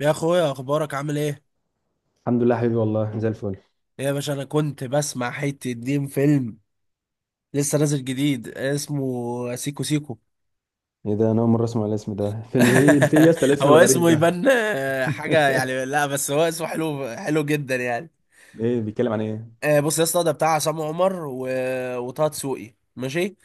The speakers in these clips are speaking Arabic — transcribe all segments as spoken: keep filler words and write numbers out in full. يا اخويا، اخبارك عامل ايه؟ الحمد لله حبيبي والله زي الفل. ايه يا باشا، انا كنت بسمع حته دين فيلم لسه نازل جديد اسمه سيكو سيكو. ايه ده؟ انا اول مره اسمع الاسم ده. فيلم ايه في يا اسطى الاسم هو الغريب اسمه ده؟ يبان آه، حاجه يعني، لا بس هو اسمه حلو حلو جدا يعني. ايه بيتكلم عن ايه؟ آه، بص يا اسطى، ده بتاع عصام عمر و... وطه دسوقي، ماشي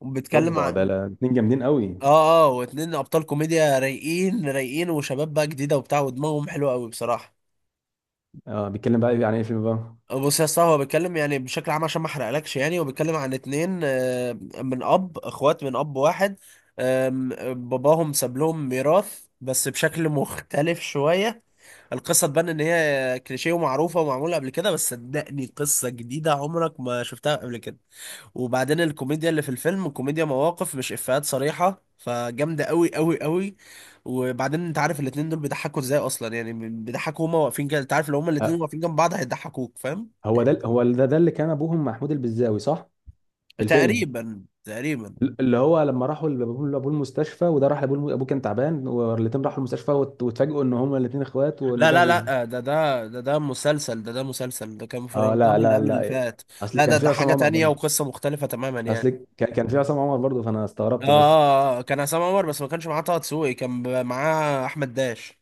وبيتكلم اوبا ده عن لا- اتنين جامدين قوي. اه اه واتنين ابطال كوميديا رايقين رايقين، وشباب بقى جديده وبتاع، ودماغهم حلوه قوي بصراحه. اه، بيتكلم بقى عن ايه الفيلم بقى؟ بص يا اسطى، هو بيتكلم يعني بشكل عام عشان ما احرقلكش، يعني هو بيتكلم عن اتنين، آه، من اب، اخوات من اب واحد. آم، باباهم ساب لهم ميراث بس بشكل مختلف شوية. القصة تبان ان هي كليشيه ومعروفة ومعمولة قبل كده، بس صدقني قصة جديدة عمرك ما شفتها قبل كده. وبعدين الكوميديا اللي في الفيلم كوميديا مواقف، مش افيهات صريحة، فجامدة قوي قوي قوي. وبعدين انت عارف الاتنين دول بيضحكوا ازاي اصلا؟ يعني بيضحكوا هما واقفين كده، انت عارف لو هما الاتنين آه واقفين جنب بعض هيضحكوك، فاهم؟ هو ده هو ده ده اللي كان ابوهم محمود البزاوي صح؟ في الفيلم، تقريبا، تقريبا. اللي هو لما راحوا لابوه لأبوه المستشفى، وده راح لابوه، ابوه كان تعبان، والاتنين راحوا المستشفى وات- واتفاجئوا ان هما الاتنين اخوات وان لا ده لا ابوهم. لا، آه، ده ده ده ده مسلسل، ده ده مسلسل ده كان في اه لا رمضان اللي لا قبل لا اللي إيه. فات. اصل لا، كان ده في ده عصام حاجة عمر تانية برضه. وقصة مختلفة تماما اصل يعني. كان كان في عصام عمر برضه، فانا اه آه، استغربت بس. آه، آه، كان عصام عمر، بس ما كانش معاه طه دسوقي، كان ب- معاه احمد داش.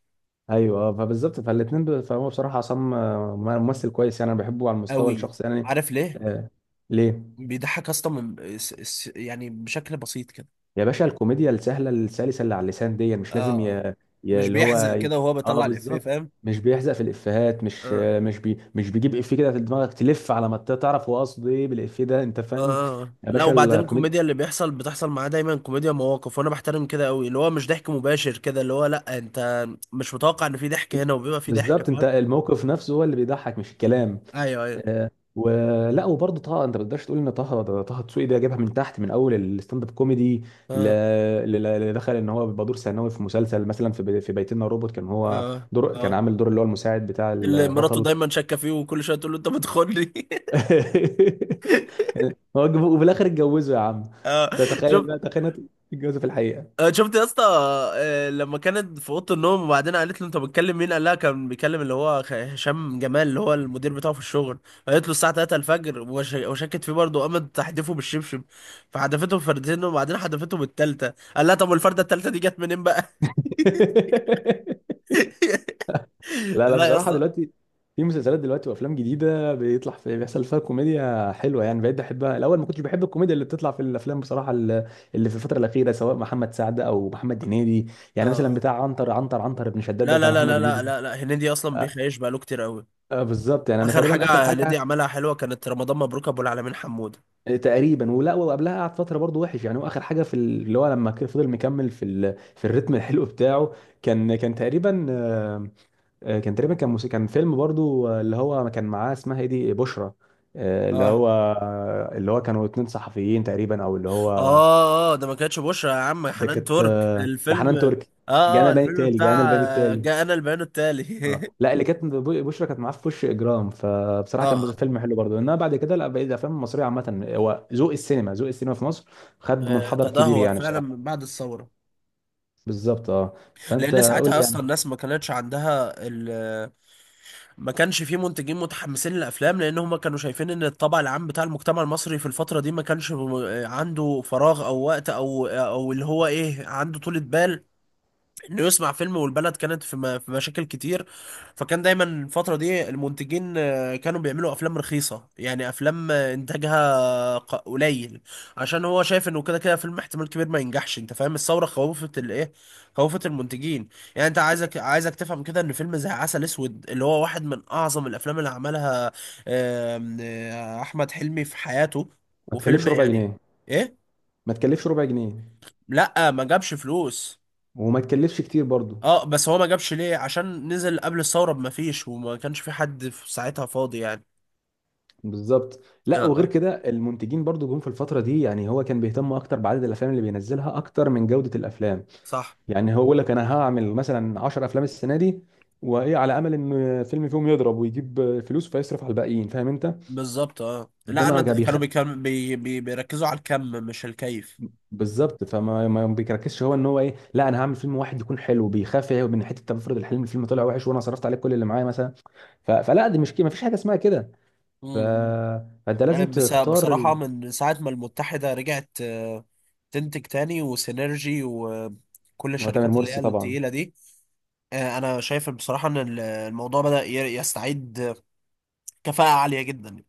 ايوه، آه، فبالظبط فالاثنين ب... فهو بصراحه عصام آه، ممثل كويس، يعني انا بحبه على المستوى قوي. الشخصي يعني. عارف ليه؟ آه. ليه؟ بيضحك اصلا من س- س- يعني بشكل بسيط كده. يا باشا الكوميديا السهله السلسه اللي على اللسان دي اه، مش لازم آه. ي... ي... مش اللي هو بيحزق ي- كده وهو اه بيطلع الافيه، بالظبط. فاهم؟ مش بيحزق في الافيهات، مش آه. آه، مش بي... مش بيجيب افيه كده في دماغك تلف على ما ت- تعرف هو قصده ايه بالافيه ده انت فاهم. اه اه، يا لا، باشا وبعدين الكوميديا الكوميديا اللي بيحصل بتحصل معاه دايما كوميديا مواقف، وانا بحترم كده قوي، اللي هو مش ضحك مباشر كده، اللي هو لا انت مش متوقع ان في ضحك هنا وبيبقى في ضحك، بالظبط انت فاهم؟ الموقف نفسه هو اللي بيضحك مش الكلام. ايوه، ايوه. آه، ولا وبرضه طه، انت ما تقدرش تقول ان طه ده- طه دسوقي ده جابها من تحت من اول الستاند اب كوميدي. ل- اه ل- اللي دخل ان هو بيبقى دور ثانوي في مسلسل مثلا في بي- في بيتنا روبوت، كان هو اه دور، كان اه، عامل دور اللي هو المساعد بتاع اللي مراته البطل. دايما شاكه فيه وكل شويه تقول له انت بتخوني. كان- هو جاب- وفي الاخر اتجوزه يا عم. اه. ده تخيل شفت؟ بقى تخيل إنه اتجوزه في الحقيقه. آه، شفت يا اسطى؟ آه، لما كانت في اوضه النوم، وبعدين قالت له انت بتكلم مين، قال لها كان بيكلم اللي هو خ- هشام جمال اللي هو المدير بتاعه في الشغل. قالت له الساعه الثالثة الفجر، وش- وشكت فيه برضه، قامت تحدفه بالشبشب. فحدفته بفردتين، وبعدين حدفته بالتالتة، قال لها طب والفرده التالتة دي جت منين بقى؟ لا لا، لا يا بصراحة اسطى. دلوقتي في مسلسلات دلوقتي وافلام جديدة بيطلع في بيحصل فيها كوميديا حلوة، يعني بقيت بحبها. الاول ما كنتش بحب الكوميديا اللي بتطلع في الافلام بصراحة، ال- اللي في الفترة الأخيرة سواء محمد سعد او محمد هنيدي. اه، يعني مثلا آه. بتاع عنتر، عنتر عنتر بن شداد ده لا، بتاع لا، لا، لا، محمد لا، هنيدي. لا، لا، هنيدي اصلا آه، بيخيش بقاله كتير قوي. آه، بالظبط، يعني انا اخر حاجه. تقريبا اخر حاجة. هنيدي عملها حلوه كانت رمضان مبروك ابو العالمين حمود. تقريبا. ولا وقبلها قعد فترة برضه وحش يعني، هو اخر حاجة في ال- اللي هو لما كان فضل مكمل في ال... في الريتم الحلو بتاعه. كان كان تقريبا، آه، كان تقريبا كان موسيقى، كان فيلم برضو آه، اللي هو كان معاه، اسمها ايه دي، بشرى. آه، اللي اه هو آه، اللي هو كانوا اتنين صحفيين تقريبا او اللي هو اه اه، ده ما كانتش بشرى يا عم، ده حنان كانت، ترك آه، ده الفيلم. حنان تركي. اه جانا اه، الباني الفيلم التالي، جانا بتاع الباني آه، التالي. جاءنا البيان اه التالي. لا، اللي كانت ب- بشرى كانت معاه في وش اجرام، فبصراحه اه كان مس- اه، فيلم حلو برضو، انما بعد كده لا بقيت الافلام المصريه عامه، هو ذوق السينما، ذوق السينما في مصر خد آه، منحدر كبير تدهور يعني فعلا بصراحه. من بعد الثورة. بالظبط اه. فانت لأن قول ساعتها لي يعني. أصلا الناس ما كانتش عندها ال، ما كانش في منتجين متحمسين للأفلام، لأن هما كانوا شايفين إن الطبع العام بتاع المجتمع المصري في الفترة دي ما كانش م- عنده فراغ أو وقت أو آه، أو اللي هو إيه، عنده طولة بال انه يصنع فيلم، والبلد كانت في م- في مشاكل كتير. فكان دايما الفترة دي المنتجين آه، كانوا بيعملوا افلام رخيصة، يعني افلام آه، انتاجها ق- قليل، عشان هو شايف انه كده كده فيلم احتمال كبير ما ينجحش، انت فاهم؟ الثورة خوفت الايه؟ خوفت المنتجين. يعني انت عايزك عايزك تفهم كده ان فيلم زي عسل اسود، اللي هو واحد من اعظم الافلام اللي عملها آم، آه، احمد حلمي في حياته، ما وفيلم تكلفش ربع يعني، جنيه. ايه؟ ما تكلفش ربع جنيه. لا، ما جابش فلوس. وما تكلفش كتير برضو. اه، بس هو ما جابش ليه؟ عشان نزل قبل الثورة بما فيش، وما كانش في حد في ساعتها فاضي يعني. بالظبط. اه لا وغير اه، كده المنتجين برضو جم في الفتره دي، يعني هو كان بيهتم اكتر بعدد الافلام اللي بينزلها اكتر من جوده الافلام. صح. يعني هو يقول لك انا هعمل مثلا 10 افلام السنه دي، وايه على امل ان فيلم فيهم يضرب ويجيب فلوس فيصرف على الباقيين، فاهم انت. انما بالظبط، اه، لا انا بالظبط د- كان بيخ... كانوا بيكم بي بي بيركزوا على الكم مش الكيف. بالظبط فما ما بيركزش هو ان هو ايه، لا انا هعمل فيلم واحد يكون حلو، بيخاف إيه من حته؟ طب افرض الحلم الفيلم طلع وحش وانا صرفت عليه كل اللي معايا مثلا. ف... فلا دي مش كده، ما فيش حاجه اسمها كده. ف... امم. فانت لازم بس تختار بصراحة ال... من ساعة ما المتحدة رجعت آه، تنتج تاني، وسينرجي وكل هو تامر الشركات اللي هي مرسي طبعا. التقيلة دي، آه، انا شايف بصراحة ان ال- الموضوع بدأ ي- يستعيد كفاءة عالية جدا.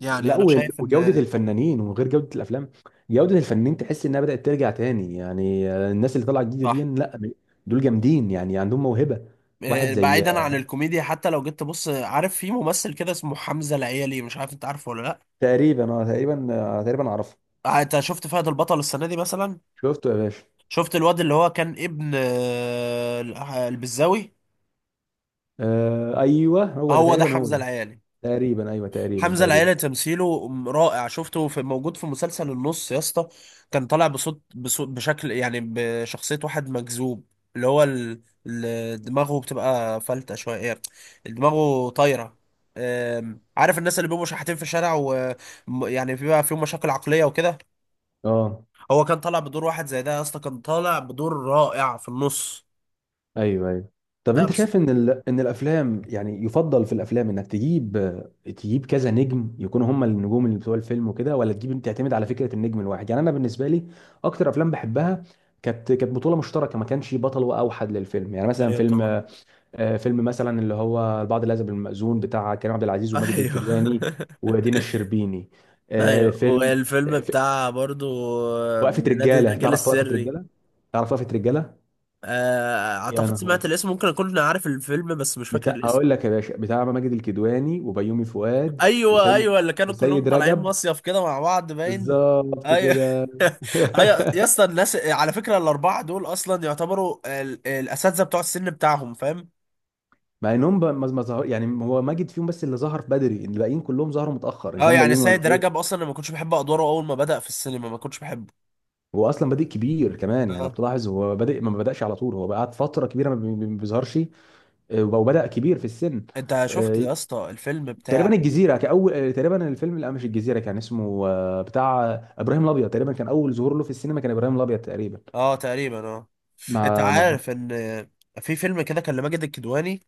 يعني لا انا وال- شايف وجودة ان، الفنانين وغير جودة الافلام. جودة الفنانين تحس انها بدأت ترجع تاني، يعني آه، الناس اللي طالعة جديدة دي، صح. لا دول جامدين يعني عندهم موهبة. واحد آه، زي، بعيدا عن الكوميديا، حتى لو جيت تبص، عارف في ممثل كده اسمه حمزة العيالي، مش عارف انت عارفه ولا لا؟ تقريبا اه تقريبا، آه، تقريبا اعرفه. آه، انت شفت فهد البطل السنة دي مثلا؟ شفته يا باشا. شفت الواد اللي هو كان ابن آه، البزاوي؟ آه ايوه هو ده هو ده تقريبا، هو حمزة ده. العيالي. تقريبا ايوه، تقريبا حمزة تقريبا العيلة تمثيله رائع، شفته في، موجود في مسلسل النص يا اسطى. كان طالع بصوت بصوت بشكل يعني بشخصية واحد مجذوب، اللي هو ال... ال- دماغه بتبقى فلتة شوية يعني، دماغه طايرة. أم، عارف الناس اللي بيبقوا شحاتين في الشارع، ويعني بيبقى فيهم مشاكل عقلية وكده؟ اه هو كان طالع بدور واحد زي ده يا اسطى، كان طالع بدور رائع في النص. ايوه ايوه. طب لا انت بس، شايف ان ال... ان الافلام يعني يفضل في الافلام انك تجيب، تجيب كذا نجم يكونوا هم النجوم اللي بتوع الفيلم وكده، ولا تجيب تعتمد على فكره النجم الواحد؟ يعني انا بالنسبه لي اكتر افلام بحبها كانت كانت بطوله مشتركه، ما كانش بطل واوحد للفيلم، يعني مثلا ايوه طبعا، فيلم آه، فيلم مثلا اللي هو البعض العزب المأذون بتاع كريم عبد العزيز وماجد ايوه. الكدواني ودينا الشربيني. آه، ايوه، فيلم والفيلم آه، ف- بتاع برضو آه، وقفه نادي رجاله، الرجال تعرف وقفه السري. رجاله؟ تعرف وقفه رجاله؟ آه، يا اعتقد نهار سمعت أبيض. الاسم، ممكن اكون عارف الفيلم بس مش فاكر بتاع، الاسم. اقول لك يا باشا، بتاع ماجد الكدواني وبيومي فؤاد ايوه وسيد، ايوه، اللي كانوا كلهم وسيد طالعين رجب. مصيف كده مع بعض باين. بالظبط ايوه. كده. ايوه يا اسطى، الناس على فكره الاربعه دول اصلا يعتبروا ال- الاساتذه بتوع السن بتاعهم، فاهم؟ مع انهم ب- ما ما ظهر يعني هو ماجد فيهم بس، اللي ظهر بدري. الباقيين كلهم ظهروا متاخر، ان اه، كان يعني بيومي ولا سيد سيد. رجب اصلا أنا ما كنتش بحب ادواره، اول ما بدأ في السينما ما كنتش بحبه. هو اصلا بادئ كبير كمان، يعني لو اه. بتلاحظ هو بادئ ما بداش على طول، هو قعد فتره كبيره ما بي- ما بيظهرش. آه، وبدا كبير في السن. انت شفت آه، يا اسطى الفيلم بتاع، تقريبا الجزيره كاول، آه، تقريبا الفيلم لا مش الجزيره، كان اسمه آه، بتاع ابراهيم الابيض تقريبا، كان اول ظهور له في السينما كان ابراهيم الابيض تقريبا. اه تقريبا اه. انت مع مع، عارف ان في فيلم كده كان لماجد الكدواني،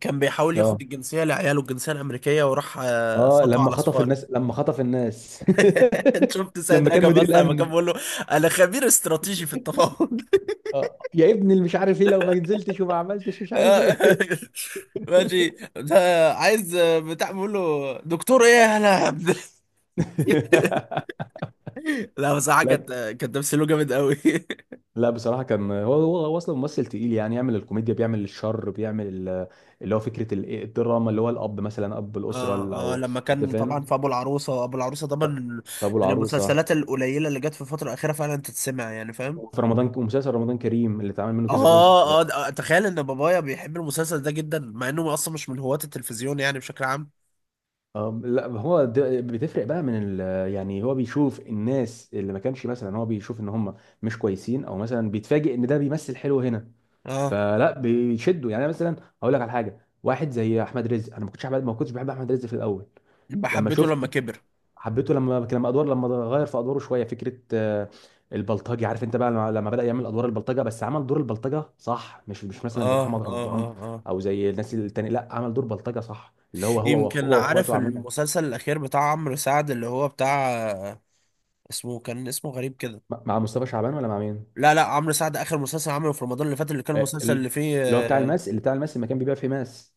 كان بيحاول اه ياخد الجنسيه لعياله الجنسيه الامريكيه، وراح آه، اه. سطو لما على خطف صفار. الناس، لما خطف الناس. انت شفت سيد لما كان رجب مدير اصلا لما كان الامن. بيقول له: انا خبير استراتيجي في التفاوض. اه يا ابني اللي مش عارف ايه، لو ما نزلتش وما عملتش مش عارف ايه. ماشي. ده عايز آه، بتاع، بيقول له دكتور ايه يا هلا يا عبد. لا بس حاجه لا كانت، كان تمثيله جامد قوي. لا، بصراحه كان هو، هو هو اصلا ممثل تقيل، يعني يعمل الكوميديا، بيعمل الشر، بيعمل ال- اللي هو فكره ال- الدراما، اللي هو الاب مثلا اب الاسره ال- اه اه، او لما انت كان طبعا فاهم. في ابو العروسه، ابو العروسه طبعا ف- فابو من العروسه. المسلسلات القليله اللي جت في الفتره الاخيره فعلا تتسمع يعني، فاهم؟ وفي رمضان ومسلسل رمضان كريم اللي اتعمل منه اه كذا جزء. اه، ده- تخيل ان بابايا بيحب المسلسل ده جدا، مع انه اصلا مش من هواة التلفزيون يعني بشكل عام. أم لا هو ده بتفرق بقى من ال، يعني هو بيشوف الناس اللي ما كانش مثلا، هو بيشوف ان هم مش كويسين، او مثلا بيتفاجئ ان ده بيمثل حلو هنا، اه، فلا بيشدوا يعني. أنا مثلا هقول لك على حاجه، واحد زي احمد رزق، انا ما كنتش احمد، ما كنتش بحب احمد رزق في الاول. يبقى لما حبيته لما شفته، كبر. حبيته لما لما ادوار، لما غير في ادواره شويه فكره آه، البلطجي، عارف انت بقى لما لما بدا يعمل ادوار البلطجه، بس عمل دور البلطجه صح، مش مش مثلا زي اه محمد اه اه رمضان اه. او زي الناس التانية، لا عمل دور بلطجه صح، اللي هو هو وأخ- يمكن، هو عارف واخواته عاملين. المسلسل الاخير بتاع عمرو سعد اللي هو بتاع آه، اسمه كان اسمه غريب كده؟ مع مع مصطفى شعبان ولا مع مين؟ لا لا، عمرو سعد اخر مسلسل عمله في رمضان اللي فات، اللي كان آه، المسلسل ال- اللي اللي هو بتاع فيه، الماس، اللي بتاع الماس، اللي كان بيبيع فيه ماس.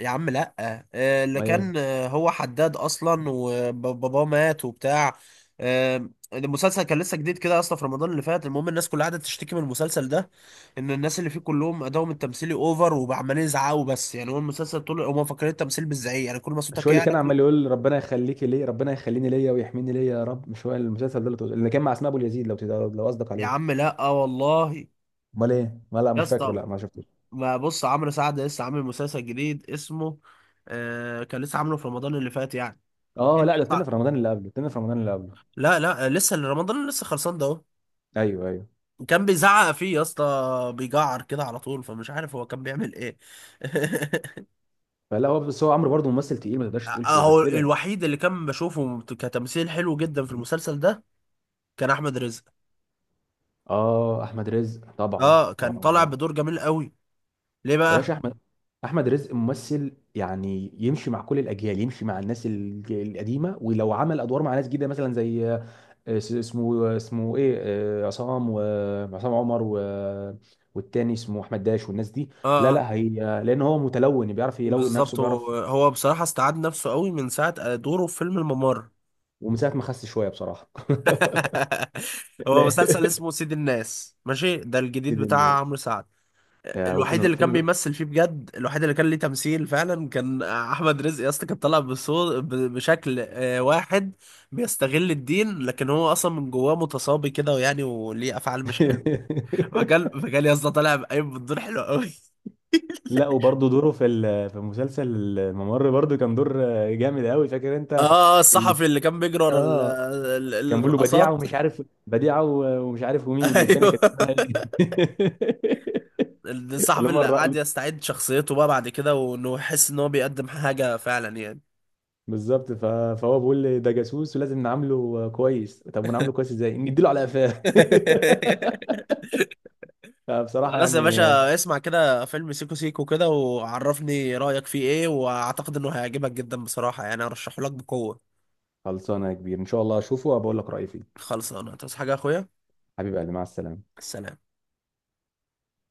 يا عم لا، آه، اللي ما ايه. كان آه، هو حداد اصلا وباباه مات وبتاع. آه، المسلسل كان لسه جديد كده اصلا في رمضان اللي فات، المهم الناس كلها قعدت تشتكي من المسلسل ده، ان الناس اللي فيه كلهم ادائهم التمثيلي اوفر، وعمالين يزعقوا بس يعني، هو المسلسل طول هم مفكرين التمثيل بالزعيق، يعني كل ما مش صوتك هو اللي يعلى كان كل عمال ما، يقول ربنا يخليكي ليه، ربنا يخليني ليا ويحميني ليا يا رب، مش هو المسلسل ده اللي تقول- اللي كان مع اسماء ابو اليزيد، لو تقدر- لو قصدك يا عليه؟ عم لا والله. امال ايه؟ ما لا يا مش فاكره، اسطى، لا ما شفتوش. ما بص، عمرو سعد لسه عامل مسلسل جديد اسمه آه، كان لسه عامله في رمضان اللي فات يعني. اه الفيلم لا ده التاني بيطلع، في رمضان اللي قبله، التاني في رمضان اللي قبله. لا لا، لسه رمضان لسه خلصان ده. ايوه ايوه. كان بيزعق فيه يا اسطى، بيجعر كده على طول، فمش عارف هو كان بيعمل ايه. فلا هو بس هو عمرو برضه ممثل تقيل، ما تقدرش تقول كده- غير اهو كده. الوحيد اللي كان بشوفه كتمثيل حلو جدا في المسلسل ده كان احمد رزق. اه احمد رزق طبعا اه، كان طالع اه. بدور جميل قوي. ليه يا بقى؟ باشا احمد، احمد رزق ممثل يعني يمشي مع كل الاجيال، يمشي مع الناس الج- القديمه، ولو عمل ادوار مع ناس جديده مثلا زي آه، اس- اسمه اسمه ايه، آه، عصام، وعصام عمر و... والتاني اسمه احمد داش والناس دي. لا اه اه. لا هي، لان هو متلون بيعرف يلون نفسه بالظبط، هو بيعرف. هو بصراحة استعاد نفسه قوي من ساعة دوره في فيلم الممر. ومن ساعه ما خس شويه بصراحه. هو لا مسلسل اسمه سيد الناس، ماشي، ده الجديد كده بتاع إن- عمرو سعد. آه، الوحيد وفيلم اللي كان فيلم. بيمثل فيه بجد، الوحيد اللي كان ليه تمثيل فعلا كان احمد رزق يا اسطى، كان طالع بصو- ب- بشكل آه، واحد بيستغل الدين، لكن هو اصلا من جواه متصابي كده، ويعني وليه افعال مش حلوه. فكان فكان يا اسطى طالع بقايم بالدور حلو قوي. لا وبرضه دوره في ال- في مسلسل الممر برضه كان دور آه، جامد قوي، فاكر انت؟ اه، آه، الصحفي اللي كان بيجري ورا ال- اه ال- كان بيقول له بديعه الرقصات. ومش عارف، بديعه و- ومش عارف ومين، والتانيه ايوه، كانت اسمها ايه. اللي الصحفي هم اللي قعد الرائل. يستعيد شخصيته بقى بعد كده، وانه يحس ان هو بيقدم حاجه فعلا يعني. بالظبط. ف... فهو بيقول لي ده جاسوس ولازم نعامله كويس، طب ونعامله كويس ازاي؟ نديله على قفاه. فبصراحه خلاص يا يعني. باشا، اسمع كده فيلم سيكو سيكو كده، وعرفني رأيك فيه ايه، واعتقد انه هيعجبك جدا بصراحة، يعني ارشحه لك بقوة. خلصانه يا كبير، ان شاء الله اشوفه وبقول لك رايي فيه. خلص انا، تصحى حاجة يا اخويا. حبيب قلبي مع السلامه. السلام.